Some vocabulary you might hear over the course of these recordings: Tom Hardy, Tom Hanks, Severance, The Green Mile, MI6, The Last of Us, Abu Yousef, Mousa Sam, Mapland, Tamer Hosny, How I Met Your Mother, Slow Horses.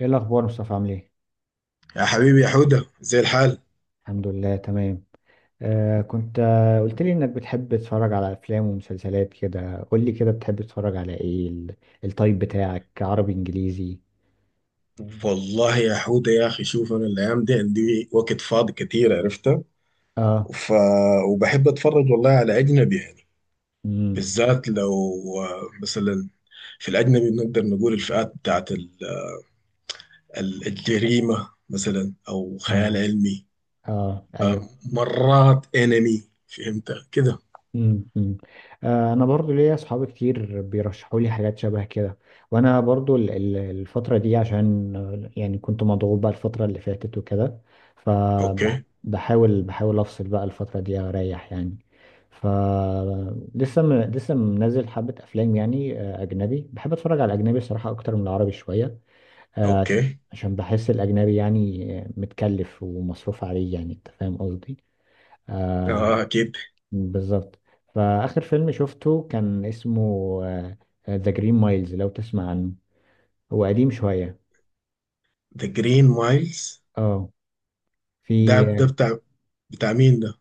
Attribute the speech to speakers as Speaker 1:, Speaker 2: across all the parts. Speaker 1: ايه الاخبار مصطفى، عامل ايه؟
Speaker 2: يا حبيبي يا حودة، زي الحال.
Speaker 1: الحمد لله، تمام. كنت قلت لي انك بتحب تتفرج على افلام ومسلسلات كده. قول لي كده، بتحب تتفرج على ايه؟ التايب بتاعك عربي، انجليزي؟
Speaker 2: والله يا حودة يا أخي، شوف أنا الأيام دي عندي وقت فاضي كتير، عرفتها.
Speaker 1: اه.
Speaker 2: ف... وبحب أتفرج والله على أجنبي يعني.
Speaker 1: امم.
Speaker 2: بالذات لو مثلا في الأجنبي بنقدر نقول الفئات بتاعت الجريمة مثلا أو خيال
Speaker 1: اه.
Speaker 2: علمي.
Speaker 1: اه،
Speaker 2: آه،
Speaker 1: ايوه.
Speaker 2: مرات أنمي فهمت كده.
Speaker 1: مم، مم. انا برضو ليا اصحاب كتير بيرشحوا لي حاجات شبه كده. وانا برضو الفتره دي عشان يعني كنت مضغوط بقى الفتره اللي فاتت وكده.
Speaker 2: أوكي.
Speaker 1: فبحاول بحاول افصل بقى الفتره دي، اريح يعني. ف لسه منزل حبه افلام يعني، اجنبي. بحب اتفرج على الاجنبي الصراحه اكتر من العربي شويه. آه، عش-
Speaker 2: أوكي.
Speaker 1: عشان بحس الاجنبي يعني متكلف ومصروف عليه، يعني انت فاهم قصدي. آه،
Speaker 2: آه أكيد.
Speaker 1: بالظبط. فآخر فيلم شفته كان اسمه ذا جرين مايلز، لو تسمع عنه. هو قديم شوية.
Speaker 2: ذا جرين مايلز.
Speaker 1: اه.
Speaker 2: ده
Speaker 1: في
Speaker 2: ده
Speaker 1: آه،
Speaker 2: بتاع مين؟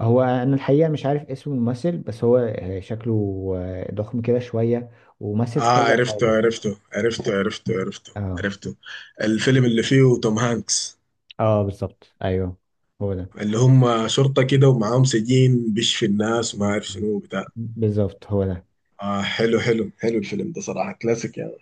Speaker 1: هو، أنا الحقيقة مش عارف اسم الممثل، بس هو شكله ضخم كده شوية، ومثل
Speaker 2: اه،
Speaker 1: في كذا
Speaker 2: عرفته
Speaker 1: حاجة.
Speaker 2: عرفته عرفته عرفته عرفته
Speaker 1: اه.
Speaker 2: عرفته. الفيلم اللي فيه توم هانكس،
Speaker 1: اه، بالظبط، ايوه، هو ده.
Speaker 2: اللي هم شرطة كده ومعاهم سجين بيشفي الناس وما
Speaker 1: م-
Speaker 2: عارف شنو بتاع.
Speaker 1: بالظبط، هو ده.
Speaker 2: اه، حلو حلو حلو، الفيلم ده صراحة كلاسيك يعني.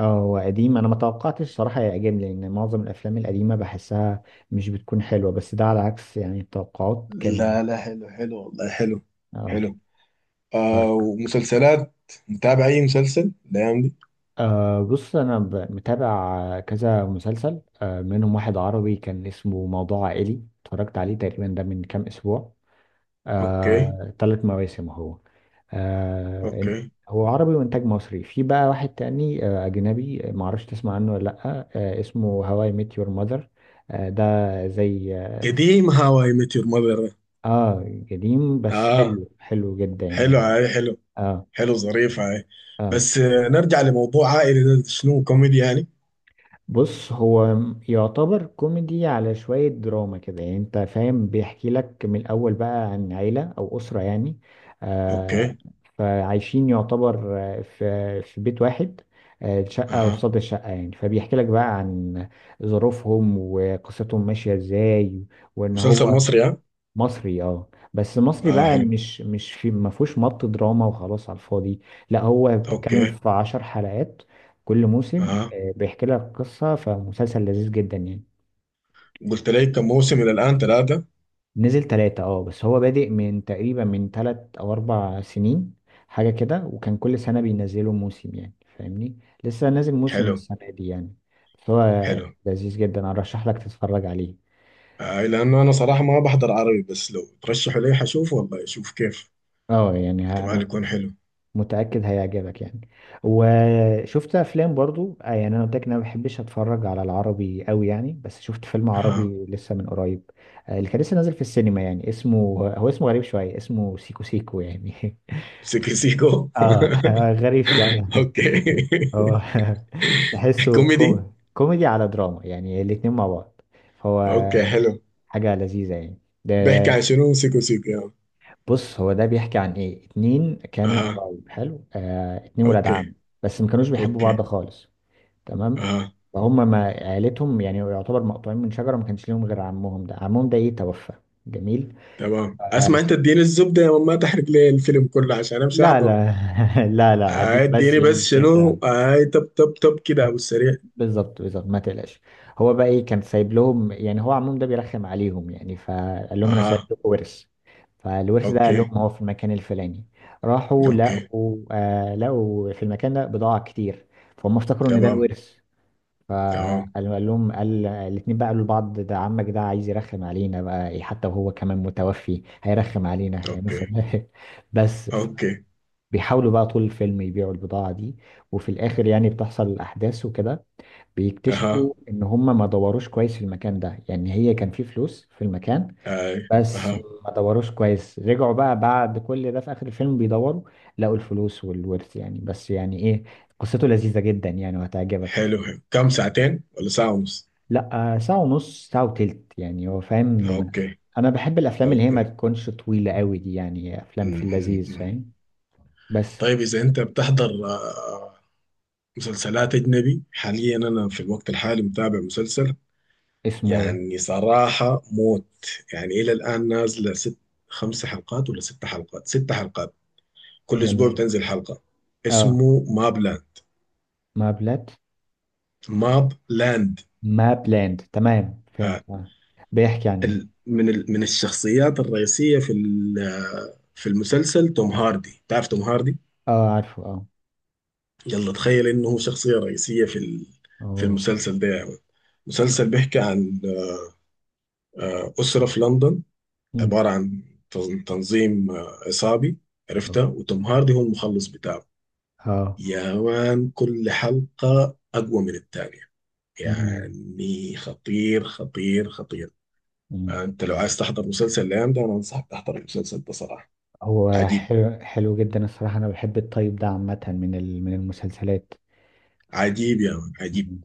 Speaker 1: اه، هو قديم، انا ما توقعتش صراحة يعجبني، لان معظم الافلام القديمة بحسها مش بتكون حلوة. بس ده على عكس يعني التوقعات كان.
Speaker 2: لا لا، حلو حلو والله، حلو
Speaker 1: اه.
Speaker 2: حلو. ومسلسلات. متابع اي مسلسل الايام دي؟
Speaker 1: أه، بص، أنا متابع كذا مسلسل، منهم واحد عربي كان اسمه موضوع عائلي، اتفرجت عليه تقريبا ده من كام أسبوع.
Speaker 2: اوكي.
Speaker 1: أه، 3 مواسم هو. أه،
Speaker 2: اوكي.
Speaker 1: هو عربي وإنتاج مصري. في بقى واحد تاني أجنبي، معرفش تسمع عنه ولا لأ. اسمه هواي ميت يور ماذر. ده زي.
Speaker 2: قديم هاو اي ميت يور ماذر.
Speaker 1: اه، قديم بس
Speaker 2: اه
Speaker 1: حلو حلو جدا
Speaker 2: حلو،
Speaker 1: يعني.
Speaker 2: هاي حلو.
Speaker 1: اه،
Speaker 2: حلو ظريف هاي.
Speaker 1: اه.
Speaker 2: بس نرجع لموضوع عائلي، ده شنو، كوميدي يعني؟
Speaker 1: بص، هو يعتبر كوميدي على شوية دراما كده يعني انت فاهم. بيحكي لك من الأول بقى عن عيلة أو أسرة يعني. آه
Speaker 2: اوكي.
Speaker 1: فعايشين يعتبر، في بيت واحد. شقة
Speaker 2: اها.
Speaker 1: قصاد الشقة يعني، فبيحكي لك بقى عن ظروفهم وقصتهم ماشية ازاي، وإن
Speaker 2: مسلسل
Speaker 1: هو.
Speaker 2: مصري ها؟
Speaker 1: مصري. اه، بس مصري
Speaker 2: اه
Speaker 1: بقى،
Speaker 2: حلو.
Speaker 1: مش في، ما فيهوش مط دراما وخلاص على الفاضي. لا، هو بتتكلم
Speaker 2: اوكي.
Speaker 1: في 10 حلقات. كل موسم،
Speaker 2: اها.
Speaker 1: بيحكي لك قصة. فمسلسل لذيذ جدا يعني.
Speaker 2: قلت لي كم موسم الى الان، ثلاثة؟
Speaker 1: نزل 3. اه، بس هو بادئ من تقريبا 3 أو 4 سنين، حاجة كده. وكان كل سنة بينزلوا موسم يعني، فاهمني. لسه نازل موسم
Speaker 2: حلو
Speaker 1: السنة دي يعني. فهو
Speaker 2: حلو.
Speaker 1: لذيذ جدا، أرشح لك تتفرج عليه.
Speaker 2: لانه انا صراحة ما بحضر عربي، بس لو ترشحوا لي حشوف والله، اشوف كيف.
Speaker 1: اه، يعني أنا
Speaker 2: احتمال يكون حلو.
Speaker 1: متأكد هيعجبك يعني. وشفت افلام برضو، يعني انا قلت لك إن انا ما بحبش اتفرج على العربي قوي يعني. بس شفت فيلم
Speaker 2: اها.
Speaker 1: عربي لسه من قريب، اللي كان لسه نازل في السينما يعني. اسمه، هو اسمه غريب شوية، اسمه سيكو سيكو يعني.
Speaker 2: سيكو سيكو
Speaker 1: اه. غريب شوية.
Speaker 2: اوكي.
Speaker 1: هو. تحسه
Speaker 2: كوميدي.
Speaker 1: كوميدي على دراما يعني، الاتنين مع بعض. فهو
Speaker 2: اوكي حلو.
Speaker 1: حاجة لذيذة يعني. ده.
Speaker 2: بيحكي عن شنو سيكو سيكو يعني؟
Speaker 1: بص، هو ده بيحكي عن ايه، اتنين كانوا
Speaker 2: اها.
Speaker 1: قرايب. حلو، اتنين ولاد عم.
Speaker 2: اوكي.
Speaker 1: بس ما كانوش بيحبوا بعض
Speaker 2: اوكي.
Speaker 1: خالص. تمام.
Speaker 2: اها.
Speaker 1: فهم ما عيلتهم يعني، يعتبر مقطوعين من شجرة، ما كانش ليهم غير عمهم ده. عمهم ده توفى. جميل.
Speaker 2: تمام. اسمع
Speaker 1: آه
Speaker 2: انت، اديني الزبدة يا ماما، ما تحرق لي الفيلم كله عشان امشي
Speaker 1: لا،
Speaker 2: احضر.
Speaker 1: لا. لا، لا، هديك بس
Speaker 2: اديني
Speaker 1: ايه
Speaker 2: بس
Speaker 1: الفكرة.
Speaker 2: شنو اي، طب طب طب كده ابو السريع.
Speaker 1: بالظبط، بالظبط، ما تقلقش. هو بقى ايه، كان سايب لهم يعني، هو عمهم ده بيرخم عليهم يعني، فقال لهم انا سايب
Speaker 2: اها.
Speaker 1: لكم ورث. فالورث ده قال
Speaker 2: اوكي.
Speaker 1: لهم هو في المكان الفلاني. راحوا
Speaker 2: اوكي.
Speaker 1: لقوا في المكان ده بضاعة كتير. فهم افتكروا ان ده
Speaker 2: تمام.
Speaker 1: الورث.
Speaker 2: تمام.
Speaker 1: فقال لهم، قال الاتنين بقى، قالوا لبعض، ده عمك ده عايز يرخم علينا بقى إيه، حتى وهو كمان متوفي هيرخم علينا يعني
Speaker 2: اوكي.
Speaker 1: مثلا. بس.
Speaker 2: اوكي.
Speaker 1: بيحاولوا بقى طول الفيلم يبيعوا البضاعة دي. وفي الآخر يعني بتحصل الأحداث وكده.
Speaker 2: اها.
Speaker 1: بيكتشفوا ان هم ما دوروش كويس في المكان ده يعني، هي كان في فلوس في المكان.
Speaker 2: اي.
Speaker 1: بس
Speaker 2: اها.
Speaker 1: ما دوروش كويس. رجعوا بقى بعد كل ده في اخر الفيلم، بيدوروا. لقوا الفلوس والورث يعني. بس يعني ايه، قصته لذيذة جدا يعني، وهتعجبك.
Speaker 2: حلو حلو، كم ساعتين ولا ساعة ونص؟
Speaker 1: لا، ساعة ونص، ساعة وتلت يعني هو فاهم.
Speaker 2: اوكي.
Speaker 1: انا بحب الافلام اللي هي ما
Speaker 2: اوكي.
Speaker 1: تكونش طويلة قوي دي يعني، افلام في
Speaker 2: م- م-
Speaker 1: اللذيذ،
Speaker 2: م.
Speaker 1: فاهم. بس.
Speaker 2: طيب اذا انت بتحضر مسلسلات اجنبي حاليا، انا في الوقت الحالي متابع مسلسل
Speaker 1: اسمه ايه؟
Speaker 2: يعني صراحة موت. يعني الى الان نازلة ست، خمس حلقات ولا ست حلقات، ست حلقات. كل اسبوع
Speaker 1: جميل.
Speaker 2: بتنزل حلقه.
Speaker 1: اه.
Speaker 2: اسمه ماب لاند.
Speaker 1: ما بلاد
Speaker 2: ماب لاند.
Speaker 1: ما بلاند، تمام
Speaker 2: آه،
Speaker 1: فهمت. آه. بيحكي عن ايه؟
Speaker 2: من الشخصيات الرئيسيه في ال- آه، في المسلسل توم هاردي، تعرف توم هاردي؟
Speaker 1: اه، عارفه، اه.
Speaker 2: يلا تخيل انه هو شخصيه رئيسيه في
Speaker 1: اه.
Speaker 2: المسلسل ده يا مان. مسلسل بيحكي عن اسره في لندن،
Speaker 1: مم.
Speaker 2: عباره عن تنظيم عصابي، عرفتها. وتوم هاردي هو المخلص بتاعه.
Speaker 1: اه.
Speaker 2: يا مان، كل حلقه اقوى من الثانيه،
Speaker 1: مم.
Speaker 2: يعني خطير خطير خطير.
Speaker 1: مم.
Speaker 2: انت لو عايز تحضر مسلسل الايام ده، انا انصحك تحضر المسلسل ده صراحه.
Speaker 1: هو
Speaker 2: عجيب.
Speaker 1: حلو حلو جدا الصراحة. أنا بحب الطيب ده عامة، من المسلسلات.
Speaker 2: عجيب يا مان، عجيب.
Speaker 1: مم.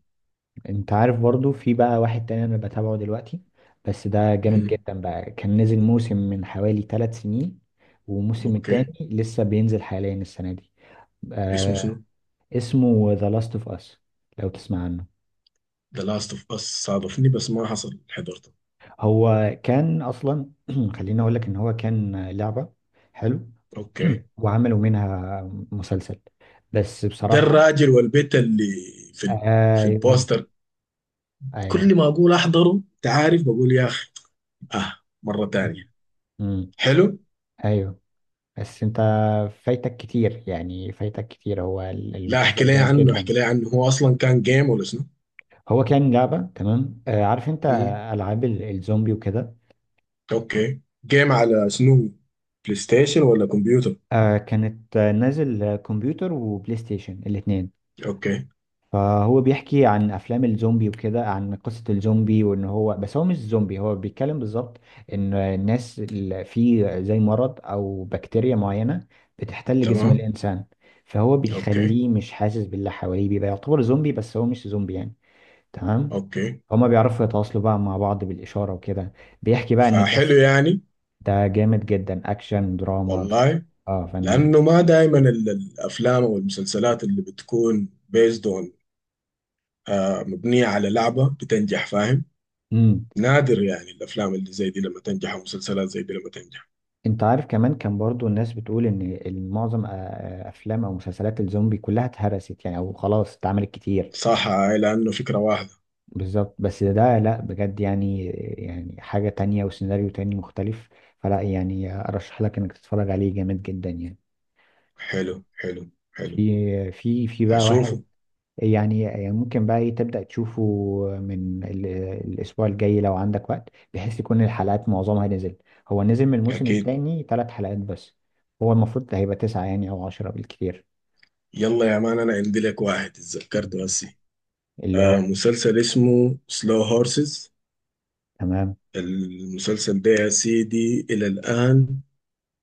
Speaker 1: أنت عارف برضو، في بقى واحد تاني أنا بتابعه دلوقتي. بس ده جامد
Speaker 2: مهم.
Speaker 1: جدا بقى، كان نزل موسم من حوالي 3 سنين. والموسم التاني،
Speaker 2: اوكي.
Speaker 1: لسه بينزل حاليا السنة دي.
Speaker 2: اسمه شنو؟
Speaker 1: آه. اسمه The Last of Us، لو تسمع عنه.
Speaker 2: ذا لاست اوف اس. صادفني بس ما حصل حضرته.
Speaker 1: هو كان اصلا، خليني اقول لك ان هو كان لعبه. حلو.
Speaker 2: اوكي.
Speaker 1: وعملوا منها مسلسل، بس
Speaker 2: ده
Speaker 1: بصراحه.
Speaker 2: الراجل والبيت اللي في ال... في
Speaker 1: ايوه.
Speaker 2: البوستر؟
Speaker 1: ايوه.
Speaker 2: كل ما اقول احضره، انت عارف، بقول يا اخي اه مره تانية.
Speaker 1: مم. مم.
Speaker 2: حلو.
Speaker 1: ايوه. بس انت فايتك كتير يعني، فايتك كتير. هو
Speaker 2: لا احكي
Speaker 1: المسلسل
Speaker 2: لي
Speaker 1: جامد
Speaker 2: عنه،
Speaker 1: جدا.
Speaker 2: احكي لي عنه. هو اصلا كان جيم ولا شنو؟
Speaker 1: هو كان لعبه تمام، عارف انت.
Speaker 2: مم.
Speaker 1: العاب الزومبي وكده.
Speaker 2: اوكي، جيم على شنو، بلاي ستيشن ولا كمبيوتر؟
Speaker 1: كانت نازل، كمبيوتر وبلاي ستيشن الاثنين.
Speaker 2: اوكي.
Speaker 1: فهو بيحكي عن افلام الزومبي وكده، عن قصة الزومبي وان هو، بس هو مش زومبي. هو بيتكلم بالظبط، ان الناس اللي في زي مرض او بكتيريا معينة بتحتل جسم
Speaker 2: تمام.
Speaker 1: الانسان. فهو
Speaker 2: اوكي.
Speaker 1: بيخليه مش حاسس باللي حواليه، بيبقى يعتبر زومبي بس هو مش زومبي يعني. تمام.
Speaker 2: اوكي.
Speaker 1: هما بيعرفوا يتواصلوا بقى مع بعض بالإشارة وكده. بيحكي بقى ان
Speaker 2: فحلو
Speaker 1: الناس.
Speaker 2: يعني.
Speaker 1: ده جامد جدا، اكشن دراما.
Speaker 2: والله،
Speaker 1: اه، فن.
Speaker 2: لأنه ما دائما الأفلام أو المسلسلات اللي بتكون بيزد اون، مبنية على لعبة بتنجح، فاهم؟
Speaker 1: مم.
Speaker 2: نادر يعني الأفلام اللي زي دي لما تنجح، أو مسلسلات زي دي لما تنجح.
Speaker 1: انت عارف كمان، كان برضو الناس بتقول ان معظم افلام او مسلسلات الزومبي كلها اتهرست يعني، او خلاص اتعملت كتير.
Speaker 2: صح هاي، لأنه فكرة واحدة.
Speaker 1: بالظبط، بس ده لا، بجد يعني. يعني حاجة تانية وسيناريو تاني مختلف. فلا يعني، ارشح لك انك تتفرج عليه، جامد جدا يعني.
Speaker 2: حلو حلو حلو.
Speaker 1: في بقى واحد.
Speaker 2: هشوفه.
Speaker 1: يعني ممكن بقى ايه تبدأ تشوفه. من ال- الاسبوع الجاي لو عندك وقت، بحيث تكون الحلقات معظمها نزل. هو نزل من الموسم
Speaker 2: أكيد.
Speaker 1: التاني 3 حلقات بس. هو المفروض هيبقى 9 يعني، او 10 بالكتير.
Speaker 2: يلا يا مان، أنا عندي لك واحد اتذكرته هسي.
Speaker 1: اللي هو.
Speaker 2: مسلسل اسمه سلو هورسز.
Speaker 1: تمام.
Speaker 2: المسلسل ده يا سيدي، إلى الآن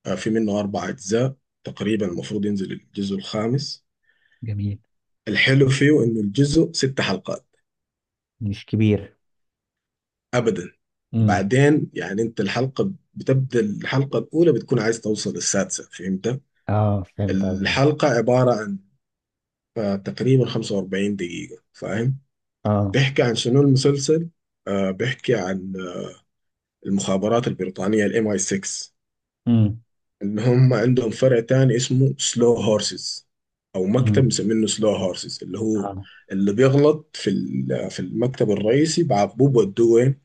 Speaker 2: في منه أربع أجزاء، تقريبا المفروض ينزل الجزء الخامس.
Speaker 1: جميل.
Speaker 2: الحلو فيه إنه الجزء ست حلقات،
Speaker 1: مش كبير.
Speaker 2: أبدا.
Speaker 1: امم.
Speaker 2: وبعدين يعني، أنت الحلقة بتبدأ، الحلقة الأولى بتكون عايز توصل للسادسة، فهمت؟
Speaker 1: اه، فهمت قصدك.
Speaker 2: الحلقة عبارة عن تقريبا 45 دقيقة، فاهم؟
Speaker 1: اه.
Speaker 2: بيحكي عن شنو المسلسل؟ بيحكي عن المخابرات البريطانية ال MI6،
Speaker 1: امم.
Speaker 2: ان هم عندهم فرع تاني اسمه سلو هورسز، او مكتب
Speaker 1: امم.
Speaker 2: مسمينه سلو هورسز، اللي هو
Speaker 1: اه.
Speaker 2: اللي بيغلط في المكتب الرئيسي بعاقبوه بودوه وين،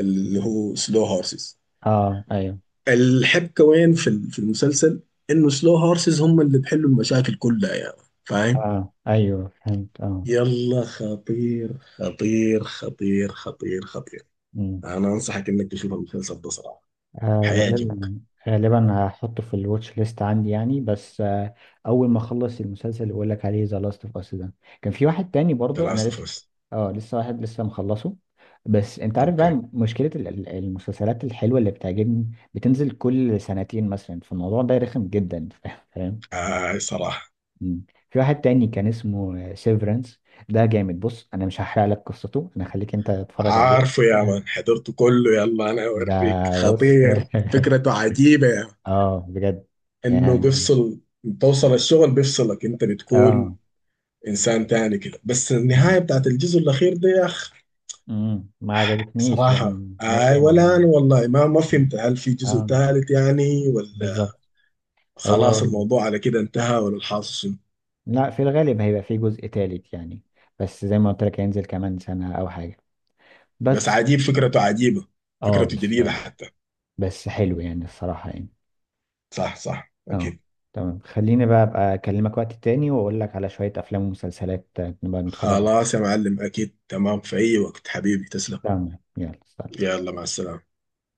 Speaker 2: اللي
Speaker 1: مم.
Speaker 2: هو سلو هورسز.
Speaker 1: اه، ايوه.
Speaker 2: الحبكه وين في المسلسل، انه سلو هورسز هم اللي بيحلوا المشاكل كلها يعني، فاهم؟
Speaker 1: اه، ايوه، فهمت، اه.
Speaker 2: يلا خطير خطير خطير خطير خطير.
Speaker 1: مم.
Speaker 2: انا انصحك انك تشوف المسلسل ده صراحه،
Speaker 1: آه، غالبا
Speaker 2: هيعجبك.
Speaker 1: غالبا هحطه في الواتش ليست عندي يعني، بس اول ما اخلص المسلسل اللي بقول لك عليه، ذا لاست اوف اس ده. كان في واحد تاني
Speaker 2: ذا
Speaker 1: برضو،
Speaker 2: لاست
Speaker 1: انا
Speaker 2: اوف
Speaker 1: لسه
Speaker 2: اس.
Speaker 1: اه لسه واحد لسه مخلصه. بس انت عارف
Speaker 2: اوكي.
Speaker 1: بقى، مشكلة المسلسلات الحلوة اللي بتعجبني، بتنزل كل سنتين مثلا، فالموضوع ده رخم جدا. فاهم.
Speaker 2: صراحه
Speaker 1: مم. في واحد تاني كان اسمه سيفرنس. ده جامد، بص، انا مش هحرق لك قصته، انا خليك انت تتفرج عليه.
Speaker 2: عارفه يا مان، حضرته كله. يلا انا
Speaker 1: ده،
Speaker 2: اوريك،
Speaker 1: بص.
Speaker 2: خطير، فكرته عجيبه يا مان.
Speaker 1: اه، بجد
Speaker 2: انه
Speaker 1: يعني.
Speaker 2: بيفصل، توصل الشغل بيفصلك انت، بتكون
Speaker 1: اه.
Speaker 2: انسان تاني كده. بس
Speaker 1: مم.
Speaker 2: النهايه بتاعت الجزء الاخير ده يا اخ،
Speaker 1: مم. ما عجبتنيش
Speaker 2: صراحه
Speaker 1: يعني،
Speaker 2: اي.
Speaker 1: مؤلمة
Speaker 2: ولا
Speaker 1: يعني.
Speaker 2: انا والله ما
Speaker 1: مم.
Speaker 2: فهمت، هل في جزء
Speaker 1: اه،
Speaker 2: ثالث يعني، ولا
Speaker 1: بالظبط.
Speaker 2: خلاص
Speaker 1: هو،
Speaker 2: الموضوع على كده انتهى، ولا الحاصل شنو؟
Speaker 1: لا، في الغالب هيبقى في جزء تالت يعني. بس زي ما قلت لك، هينزل كمان سنة أو حاجة.
Speaker 2: بس
Speaker 1: بس
Speaker 2: عجيب، فكرته عجيبه،
Speaker 1: اه
Speaker 2: فكرته
Speaker 1: بس
Speaker 2: جديده حتى.
Speaker 1: بس حلو يعني الصراحة يعني.
Speaker 2: صح صح
Speaker 1: اه.
Speaker 2: اكيد.
Speaker 1: تمام، خليني بقى أبقى أكلمك وقت تاني، وأقول لك على شوية أفلام ومسلسلات نبقى نتفرج عليها.
Speaker 2: خلاص يا معلم، اكيد تمام في اي وقت، حبيبي تسلم.
Speaker 1: تمام، يلا، سلام.
Speaker 2: يلا مع السلامه.